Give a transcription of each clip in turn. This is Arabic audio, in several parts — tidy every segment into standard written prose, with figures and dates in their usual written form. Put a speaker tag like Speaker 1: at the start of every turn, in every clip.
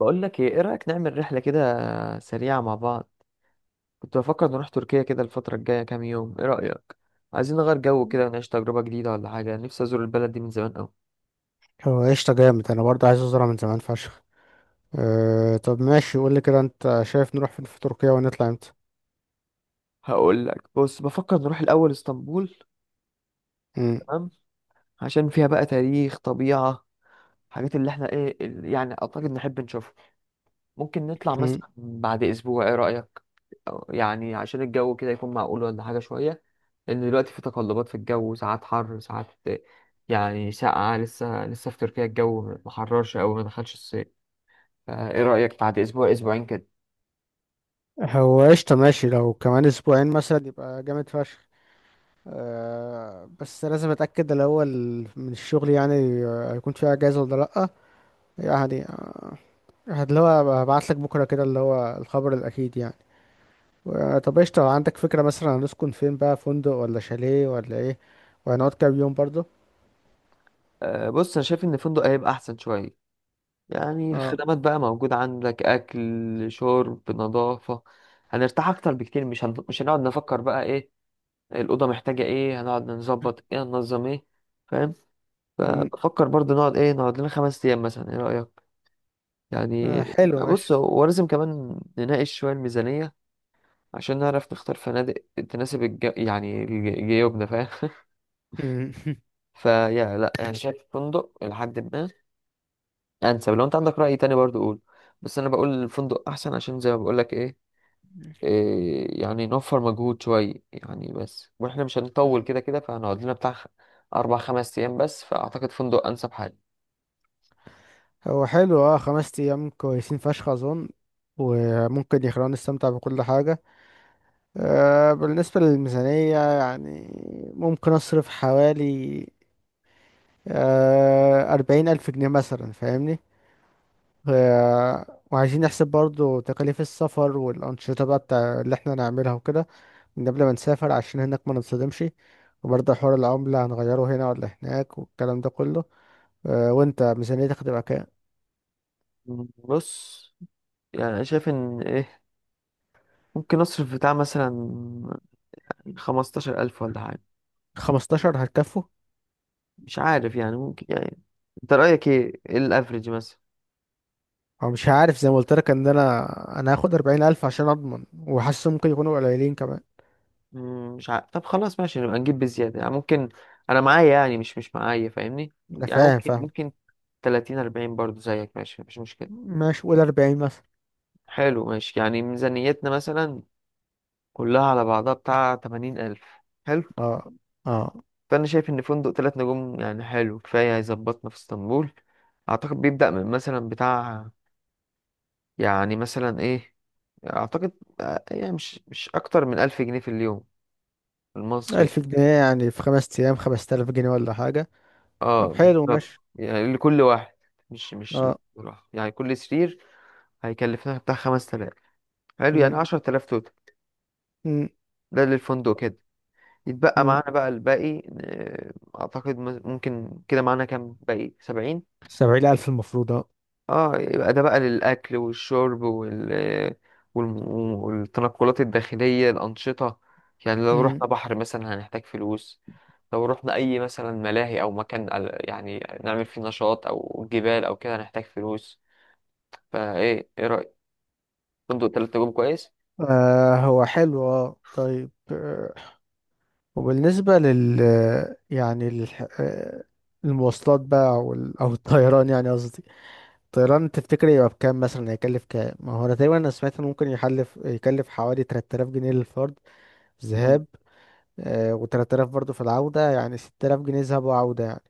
Speaker 1: بقول لك ايه رأيك نعمل رحلة كده سريعة مع بعض. كنت بفكر نروح تركيا كده الفترة الجاية كام يوم، ايه رأيك؟ عايزين نغير جو كده ونعيش تجربة جديدة ولا حاجة. نفسي ازور البلد دي من زمان قوي.
Speaker 2: هو قشطة جامد أنا برضه عايز أزرع من زمان فشخ. طب ماشي قولي كده أنت شايف نروح فين في تركيا ونطلع إمتى؟
Speaker 1: هقول لك، بص، بفكر نروح الاول اسطنبول.
Speaker 2: مم،
Speaker 1: تمام. عشان فيها بقى تاريخ، طبيعة، حاجات اللي احنا يعني اعتقد نحب نشوفها. ممكن نطلع
Speaker 2: مم.
Speaker 1: مثلا بعد اسبوع، ايه رأيك؟ أو يعني عشان الجو كده يكون معقول ولا حاجة شوية، لأن دلوقتي في تقلبات في الجو، ساعات حر ساعات يعني ساقعة. لسه في تركيا الجو محررش أوي، ما دخلش الصيف. فإيه رأيك بعد أسبوع أسبوعين كده؟
Speaker 2: هو قشطة ماشي لو كمان أسبوعين مثلا يبقى جامد فشخ. بس لازم أتأكد الأول من الشغل يعني. هيكون فيه أجازة ولا لأ؟ يعني آه، اللي هو هبعتلك بكرة كده اللي هو الخبر الأكيد يعني. طب قشطة، عندك فكرة مثلا هنسكن فين بقى، فندق ولا شاليه ولا إيه؟ وهنقعد كام يوم برضه؟
Speaker 1: أه، بص، أنا شايف إن الفندق هيبقى أحسن شوية. يعني
Speaker 2: اه.
Speaker 1: الخدمات بقى موجودة، عندك أكل شرب نظافة. هنرتاح أكتر بكتير، مش هنقعد نفكر بقى إيه الأوضة محتاجة، إيه هنقعد نظبط، إيه هننظم. إيه فاهم؟
Speaker 2: مم.
Speaker 1: فبفكر برضه نقعد إيه، نقعد لنا 5 أيام مثلا، إيه رأيك؟
Speaker 2: آه،
Speaker 1: يعني
Speaker 2: حلو
Speaker 1: بص،
Speaker 2: ماشي.
Speaker 1: هو لازم كمان نناقش شوية الميزانية عشان نعرف نختار فنادق تناسب جيوبنا، فاهم؟
Speaker 2: مم.
Speaker 1: فيا لا انا شايف فندق لحد ما انسب. لو انت عندك رأي تاني برضو قول، بس انا بقول الفندق احسن، عشان زي ما بقول لك ايه، إيه يعني نوفر مجهود شوية. يعني بس واحنا مش هنطول
Speaker 2: مم.
Speaker 1: كده كده، فهنقعد لنا بتاع 4 5 أيام بس، فأعتقد فندق أنسب حاجة.
Speaker 2: هو حلو، خمس ايام كويسين فشخ اظن، وممكن يخلونا نستمتع بكل حاجة. بالنسبة للميزانية يعني، ممكن اصرف حوالي 40,000 جنيه مثلا، فاهمني. وعايزين نحسب برضو تكاليف السفر والانشطة بقى بتاع اللي احنا نعملها وكده من قبل ما نسافر عشان هناك ما نتصدمش. وبرضه حوار العملة هنغيره هنا ولا هناك والكلام ده كله. وانت ميزانيتك هتبقى كام؟
Speaker 1: بص يعني أنا شايف إن إيه، ممكن أصرف بتاع مثلا 15 ألف ولا حاجة.
Speaker 2: 15 هتكفوا؟
Speaker 1: مش عارف يعني، ممكن يعني. أنت رأيك إيه، إيه الأفريج مثلا؟
Speaker 2: هو مش عارف، زي ما قلت لك ان انا هاخد 40,000 عشان اضمن، وحاسس ممكن يكونوا قليلين كمان.
Speaker 1: مم، مش عارف. طب خلاص ماشي، نبقى نجيب بزيادة يعني ممكن. أنا معايا يعني، مش معايا، فاهمني؟
Speaker 2: انا
Speaker 1: يعني
Speaker 2: فاهم
Speaker 1: ممكن
Speaker 2: فاهم.
Speaker 1: ممكن 30، 40 برضو زيك، ماشي، مفيش مشكلة.
Speaker 2: ماشي قول 40 مثلا.
Speaker 1: حلو ماشي، يعني ميزانيتنا مثلا كلها على بعضها بتاع 80 ألف. حلو.
Speaker 2: اه. اه.
Speaker 1: فأنا شايف إن فندق تلات نجوم يعني حلو كفاية، هيظبطنا في اسطنبول. أعتقد بيبدأ من مثلا بتاع، يعني مثلا إيه، أعتقد، آه، يعني مش أكتر من 1000 جنيه في اليوم المصري.
Speaker 2: 1000 جنيه يعني في خمس ايام 5000 جنيه ولا حاجه. طب
Speaker 1: اه
Speaker 2: حلو
Speaker 1: بالظبط،
Speaker 2: ماشي.
Speaker 1: يعني لكل واحد. مش
Speaker 2: اه.
Speaker 1: لواحد. يعني كل سرير هيكلفنا بتاع 5000. حلو،
Speaker 2: م-
Speaker 1: يعني 10000 توتال.
Speaker 2: م-
Speaker 1: ده للفندق كده. يتبقى
Speaker 2: م.
Speaker 1: معانا بقى الباقي. آه، اعتقد ممكن كده معانا كام، باقي 70.
Speaker 2: 70,000 المفروض، اه.
Speaker 1: اه، يبقى ده بقى للاكل والشرب وال والم- والتنقلات الداخلية الأنشطة. يعني لو
Speaker 2: م.
Speaker 1: رحنا بحر مثلا هنحتاج فلوس، لو رحنا أي مثلا ملاهي أو مكان يعني نعمل فيه نشاط أو جبال أو كده هنحتاج فلوس. فايه، ايه رأيك؟ فندق تلات نجوم كويس.
Speaker 2: هو حلو، طيب. وبالنسبه لل يعني للح- آه، المواصلات بقى، او أو الطيران يعني قصدي. طيران تفتكر يبقى بكام مثلا، هيكلف كام؟ ما هو انا تقريبا انا سمعت انه ممكن يكلف حوالي 3000 جنيه للفرد
Speaker 1: مم.
Speaker 2: ذهاب، و3000 برضه في العودة، يعني 6000 جنيه ذهاب وعودة يعني.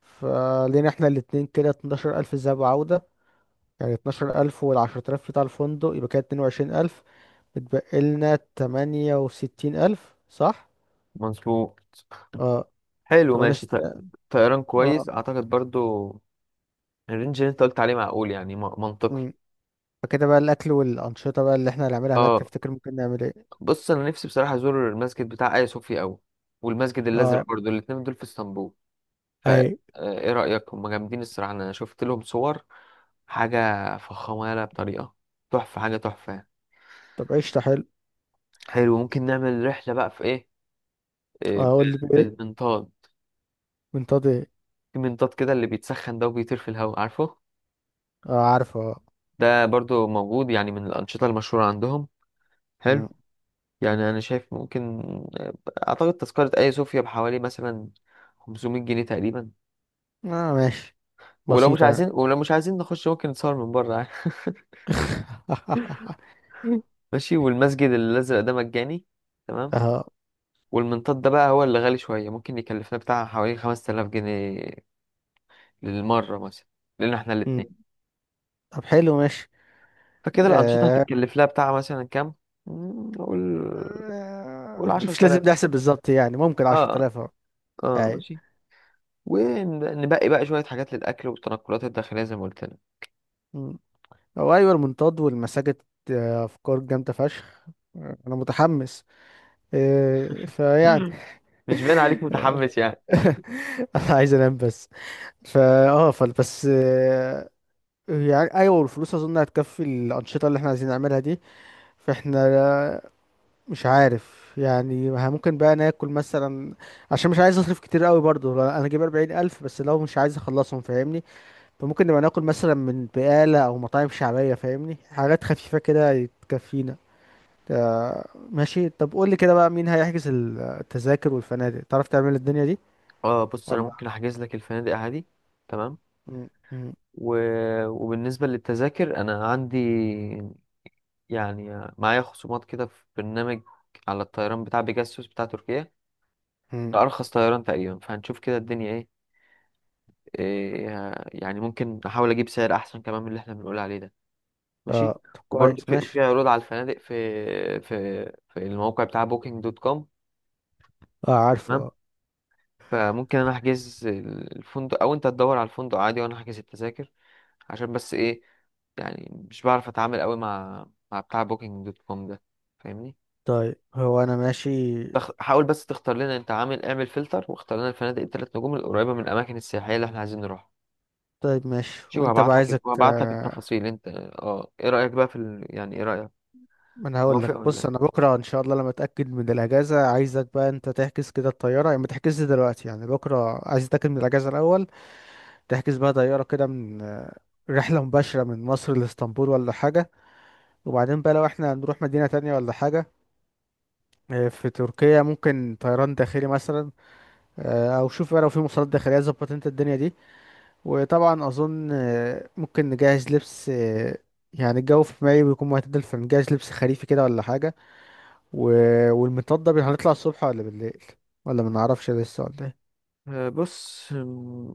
Speaker 2: فلينا احنا الاتنين كده 12,000 ذهاب وعودة، يعني 12,000 وال10000 بتاع الفندق يبقى كده 22,000، بتبقى لنا 68,000 صح؟
Speaker 1: مظبوط.
Speaker 2: اه.
Speaker 1: حلو ماشي.
Speaker 2: 68.
Speaker 1: طيران
Speaker 2: اه.
Speaker 1: كويس اعتقد برضو. الرينج اللي انت قلت عليه معقول يعني منطقي.
Speaker 2: امم فكده بقى الاكل والانشطة بقى اللي احنا هنعملها هناك
Speaker 1: اه،
Speaker 2: تفتكر ممكن نعمل ايه؟
Speaker 1: بص انا نفسي بصراحه ازور المسجد بتاع ايا صوفيا قوي، والمسجد الازرق
Speaker 2: اه.
Speaker 1: برضو، الاتنين دول في اسطنبول. فا،
Speaker 2: اي.
Speaker 1: آه، ايه رايك؟ هم جامدين الصراحه، انا شفت لهم صور، حاجه فخمه يالا بطريقه، تحفه، حاجه تحفه.
Speaker 2: طب قشطة حلو.
Speaker 1: حلو، ممكن نعمل رحله بقى في ايه، آه،
Speaker 2: اقول لي بايه؟
Speaker 1: بالمنطاد.
Speaker 2: من طاطي.
Speaker 1: في منطاد كده اللي بيتسخن ده وبيطير في الهواء، عارفه؟
Speaker 2: اه عارفه، اه.
Speaker 1: ده برضو موجود يعني من الأنشطة المشهورة عندهم.
Speaker 2: مم.
Speaker 1: حلو يعني، أنا شايف ممكن، آه، أعتقد تذكرة أي صوفيا بحوالي مثلا 500 جنيه تقريبا.
Speaker 2: اه ماشي. بسيطة يعني.
Speaker 1: ولو مش عايزين نخش ممكن نتصور من بره عادي. ماشي. والمسجد الأزرق ده مجاني، تمام.
Speaker 2: اه.
Speaker 1: والمنطاد ده بقى هو اللي غالي شوية، ممكن يكلفنا بتاع حوالي 5000 جنيه للمرة مثلا، لأن احنا
Speaker 2: مم.
Speaker 1: الاتنين.
Speaker 2: طب حلو ماشي.
Speaker 1: فكده الأنشطة
Speaker 2: آه.
Speaker 1: هتتكلف لها بتاع مثلا كام؟ مم، قول. قول
Speaker 2: مش
Speaker 1: 10000.
Speaker 2: لازم نحسب بالظبط يعني، ممكن عشرة
Speaker 1: اه،
Speaker 2: آلاف اهو.
Speaker 1: اه
Speaker 2: اي.
Speaker 1: ماشي. ونبقي بقى شوية حاجات للأكل والتنقلات الداخلية زي ما قلت لك.
Speaker 2: مم. هو ايوه، المنطاد والمساجد، افكار جامدة فشخ. انا متحمس. فيعني.
Speaker 1: مش باين عليك متحمس يعني.
Speaker 2: انا عايز انام بس. فا اه فال بس. يعني ايوه، والفلوس اظن هتكفي الانشطه اللي احنا عايزين نعملها دي. فاحنا لا- مش عارف يعني، ممكن بقى ناكل مثلا، عشان مش عايز اصرف كتير قوي برضو. لا، انا جايب 40,000 بس، لو مش عايز اخلصهم فاهمني. فممكن نبقى ناكل مثلا من بقالة او مطاعم شعبية، فاهمني، حاجات خفيفة كده تكفينا. آه، ماشي. طب قول لي كده بقى، مين هيحجز التذاكر والفنادق، تعرف تعمل الدنيا دي؟
Speaker 1: اه بص، أنا
Speaker 2: ولا.
Speaker 1: ممكن أحجز لك الفنادق عادي. تمام.
Speaker 2: م- م-
Speaker 1: و... وبالنسبة للتذاكر أنا عندي، يعني معايا خصومات كده في برنامج، على الطيران بتاع بيجاسوس بتاع تركيا.
Speaker 2: م.
Speaker 1: ده أرخص طيران تقريبا، فهنشوف كده الدنيا إيه. إيه، يعني ممكن أحاول أجيب سعر أحسن كمان من اللي إحنا بنقول عليه ده. ماشي.
Speaker 2: اه طب
Speaker 1: وبرضه
Speaker 2: كويس
Speaker 1: في
Speaker 2: ماشي.
Speaker 1: عروض على الفنادق في في الموقع بتاع بوكينج دوت كوم.
Speaker 2: اه عارفه، اه.
Speaker 1: فممكن انا احجز الفندق او انت تدور على الفندق عادي وانا احجز التذاكر. عشان بس ايه، يعني مش بعرف اتعامل قوي مع بتاع بوكينج دوت كوم ده، فاهمني؟
Speaker 2: طيب هو انا ماشي.
Speaker 1: حاول بس تختار لنا انت، عامل اعمل فلتر واختار لنا الفنادق الثلاث نجوم القريبه من الاماكن السياحيه اللي احنا عايزين نروحها.
Speaker 2: طيب ماشي
Speaker 1: شوف،
Speaker 2: وانت بقى عايزك
Speaker 1: هبعت لك
Speaker 2: آه،
Speaker 1: التفاصيل انت. اه، ايه رايك بقى في يعني ايه رايك؟
Speaker 2: ما انا هقول لك،
Speaker 1: موافق ولا
Speaker 2: بص
Speaker 1: إيه؟
Speaker 2: انا بكره ان شاء الله لما اتاكد من الاجازه، عايزك بقى انت تحجز كده الطياره، يعني ما تحجزش دلوقتي، يعني بكره عايز اتاكد من الاجازه الاول. تحجز بقى طياره كده من آه، رحله مباشره من مصر لاسطنبول ولا حاجه. وبعدين بقى لو احنا هنروح مدينه تانية ولا حاجه في تركيا، ممكن طيران داخلي مثلا، او شوف بقى لو في مواصلات داخليه، ظبط انت الدنيا دي. وطبعا اظن ممكن نجهز لبس، يعني الجو في مايو بيكون معتدل، فنجهز لبس خريفي كده ولا حاجه. و... والمنطاد ده هنطلع الصبح ولا بالليل، ولا ما نعرفش لسه ولا ايه؟
Speaker 1: آه، بص،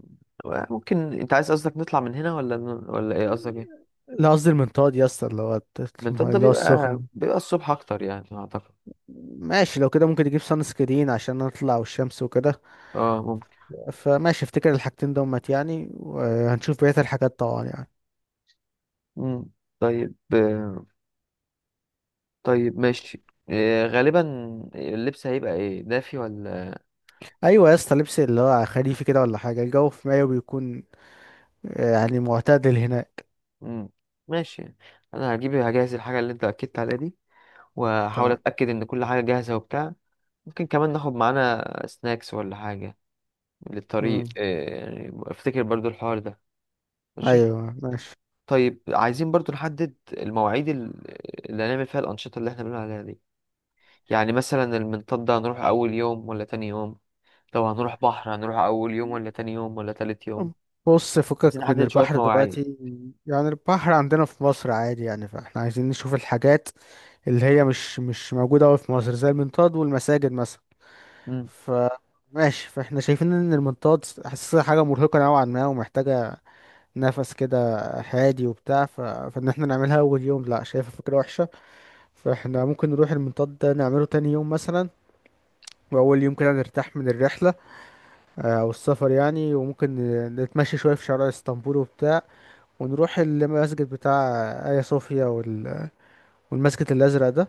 Speaker 1: ممكن انت عايز، قصدك نطلع من هنا ولا ايه قصدك ايه؟
Speaker 2: لا، قصدي المنطاد يا اسطى، اللي هو الت-
Speaker 1: من طنطا
Speaker 2: اللي هو
Speaker 1: بيبقى
Speaker 2: السخن.
Speaker 1: بيبقى الصبح اكتر يعني اعتقد.
Speaker 2: ماشي، لو كده ممكن نجيب سان سكرين عشان نطلع والشمس وكده.
Speaker 1: اه ممكن.
Speaker 2: فماشي افتكر الحاجتين دومت يعني، وهنشوف بقية الحاجات طبعا يعني.
Speaker 1: مم. طيب، آه، طيب ماشي. آه، غالبا اللبس هيبقى ايه دافي ولا؟
Speaker 2: ايوه يا اسطى، لبس اللي هو خريفي كده ولا حاجة، الجو في مايو بيكون يعني معتدل هنا.
Speaker 1: مم. ماشي. انا هجهز الحاجه اللي انت اكدت عليها دي، وهحاول
Speaker 2: تمام.
Speaker 1: اتاكد ان كل حاجه جاهزه وبتاع. ممكن كمان ناخد معانا سناكس ولا حاجه
Speaker 2: امم
Speaker 1: للطريق، آه، يعني افتكر برضو الحوار ده. ماشي.
Speaker 2: ايوه ماشي.
Speaker 1: طيب عايزين برضو نحدد المواعيد اللي هنعمل فيها الانشطه اللي احنا بنقول عليها دي. يعني مثلا المنطاد ده هنروح اول يوم ولا تاني يوم؟ طب هنروح بحر، هنروح أول يوم ولا تاني يوم ولا تالت يوم؟
Speaker 2: بص،
Speaker 1: عايزين
Speaker 2: فكك من
Speaker 1: نحدد شوية
Speaker 2: البحر
Speaker 1: مواعيد.
Speaker 2: دلوقتي. يعني البحر عندنا في مصر عادي يعني، فاحنا عايزين نشوف الحاجات اللي هي مش موجودة أوي في مصر، زي المنطاد والمساجد مثلا.
Speaker 1: مم.
Speaker 2: ف ماشي، فاحنا شايفين ان المنطاد حاسسها حاجة مرهقة نوعا ما، ومحتاجة نفس كده هادي وبتاع فان احنا نعملها اول يوم لا شايفها فكرة وحشة. فاحنا ممكن نروح المنطاد ده نعمله تاني يوم مثلا، واول يوم كده نرتاح من الرحلة او السفر يعني. وممكن نتمشى شوية في شوارع اسطنبول وبتاع، ونروح المسجد بتاع آيا صوفيا والمسجد الأزرق ده،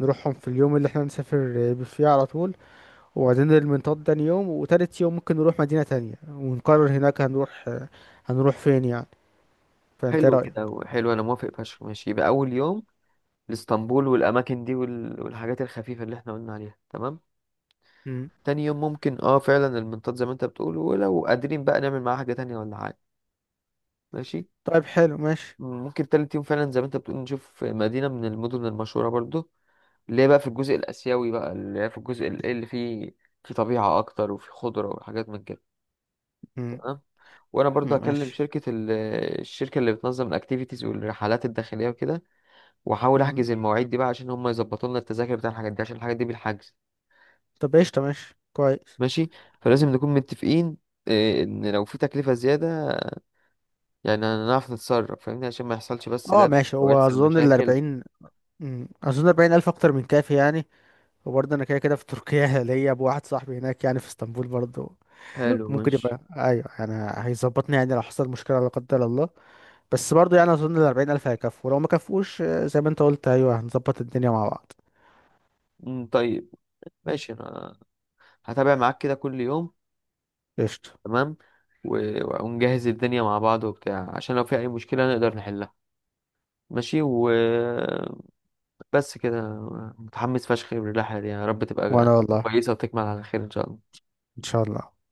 Speaker 2: نروحهم في اليوم اللي احنا نسافر فيه على طول. وبعدين المنطاد تاني يوم، وتالت يوم ممكن نروح مدينة تانية ونقرر هناك هنروح فين يعني. فانت إيه
Speaker 1: حلو
Speaker 2: رأيك؟
Speaker 1: كده، حلو أنا موافق فشخ، ماشي. يبقى أول يوم لإسطنبول والأماكن دي والحاجات الخفيفة اللي احنا قلنا عليها، تمام.
Speaker 2: مم.
Speaker 1: تاني يوم ممكن اه فعلا المنطاد زي ما انت بتقول، ولو قادرين بقى نعمل معاها حاجة تانية ولا حاجة. ماشي.
Speaker 2: طيب حلو ماشي.
Speaker 1: ممكن تالت يوم فعلا زي ما انت بتقول نشوف مدينة من المدن المشهورة برضو، اللي هي بقى في الجزء الآسيوي بقى، اللي هي في الجزء اللي فيه في طبيعة أكتر وفي خضرة وحاجات من كده.
Speaker 2: مم.
Speaker 1: تمام. وانا برضو
Speaker 2: مم،
Speaker 1: هكلم
Speaker 2: ماشي.
Speaker 1: شركه الشركه اللي بتنظم الاكتيفيتيز والرحلات الداخليه وكده، واحاول
Speaker 2: مم.
Speaker 1: احجز المواعيد دي بقى عشان هم يظبطوا لنا التذاكر بتاع الحاجات دي، عشان الحاجات دي بالحجز.
Speaker 2: طب قشطة ماشي كويس.
Speaker 1: ماشي. فلازم نكون متفقين إيه، ان لو في تكلفه زياده يعني هنعرف نتصرف، فاهمني؟ عشان ما يحصلش بس
Speaker 2: اه
Speaker 1: لبس
Speaker 2: ماشي،
Speaker 1: او
Speaker 2: هو
Speaker 1: يحصل
Speaker 2: أظن
Speaker 1: مشاكل.
Speaker 2: الأربعين، أظن أربعين ألف أكتر من كافي يعني. وبرضه أنا كده كده في تركيا ليا أبو واحد صاحبي هناك يعني في اسطنبول برضه،
Speaker 1: حلو
Speaker 2: ممكن يبقى
Speaker 1: ماشي.
Speaker 2: ايوه يعني، هيظبطني يعني لو حصل مشكله لا قدر الله. بس برضو يعني اظن ال 40,000 هيكفوا، لو ما كفوش زي ما انت قلت، ايوه هنظبط الدنيا مع بعض.
Speaker 1: أمم، طيب ماشي. انا هتابع معاك كده كل يوم.
Speaker 2: قشطه.
Speaker 1: تمام. ونجهز الدنيا مع بعض وبتاع، عشان لو في اي مشكله نقدر نحلها. ماشي. و بس كده. متحمس فشخ للرحلة دي، يا رب
Speaker 2: وانا
Speaker 1: تبقى
Speaker 2: والله،
Speaker 1: كويسة وتكمل على خير إن شاء الله.
Speaker 2: ان شاء الله.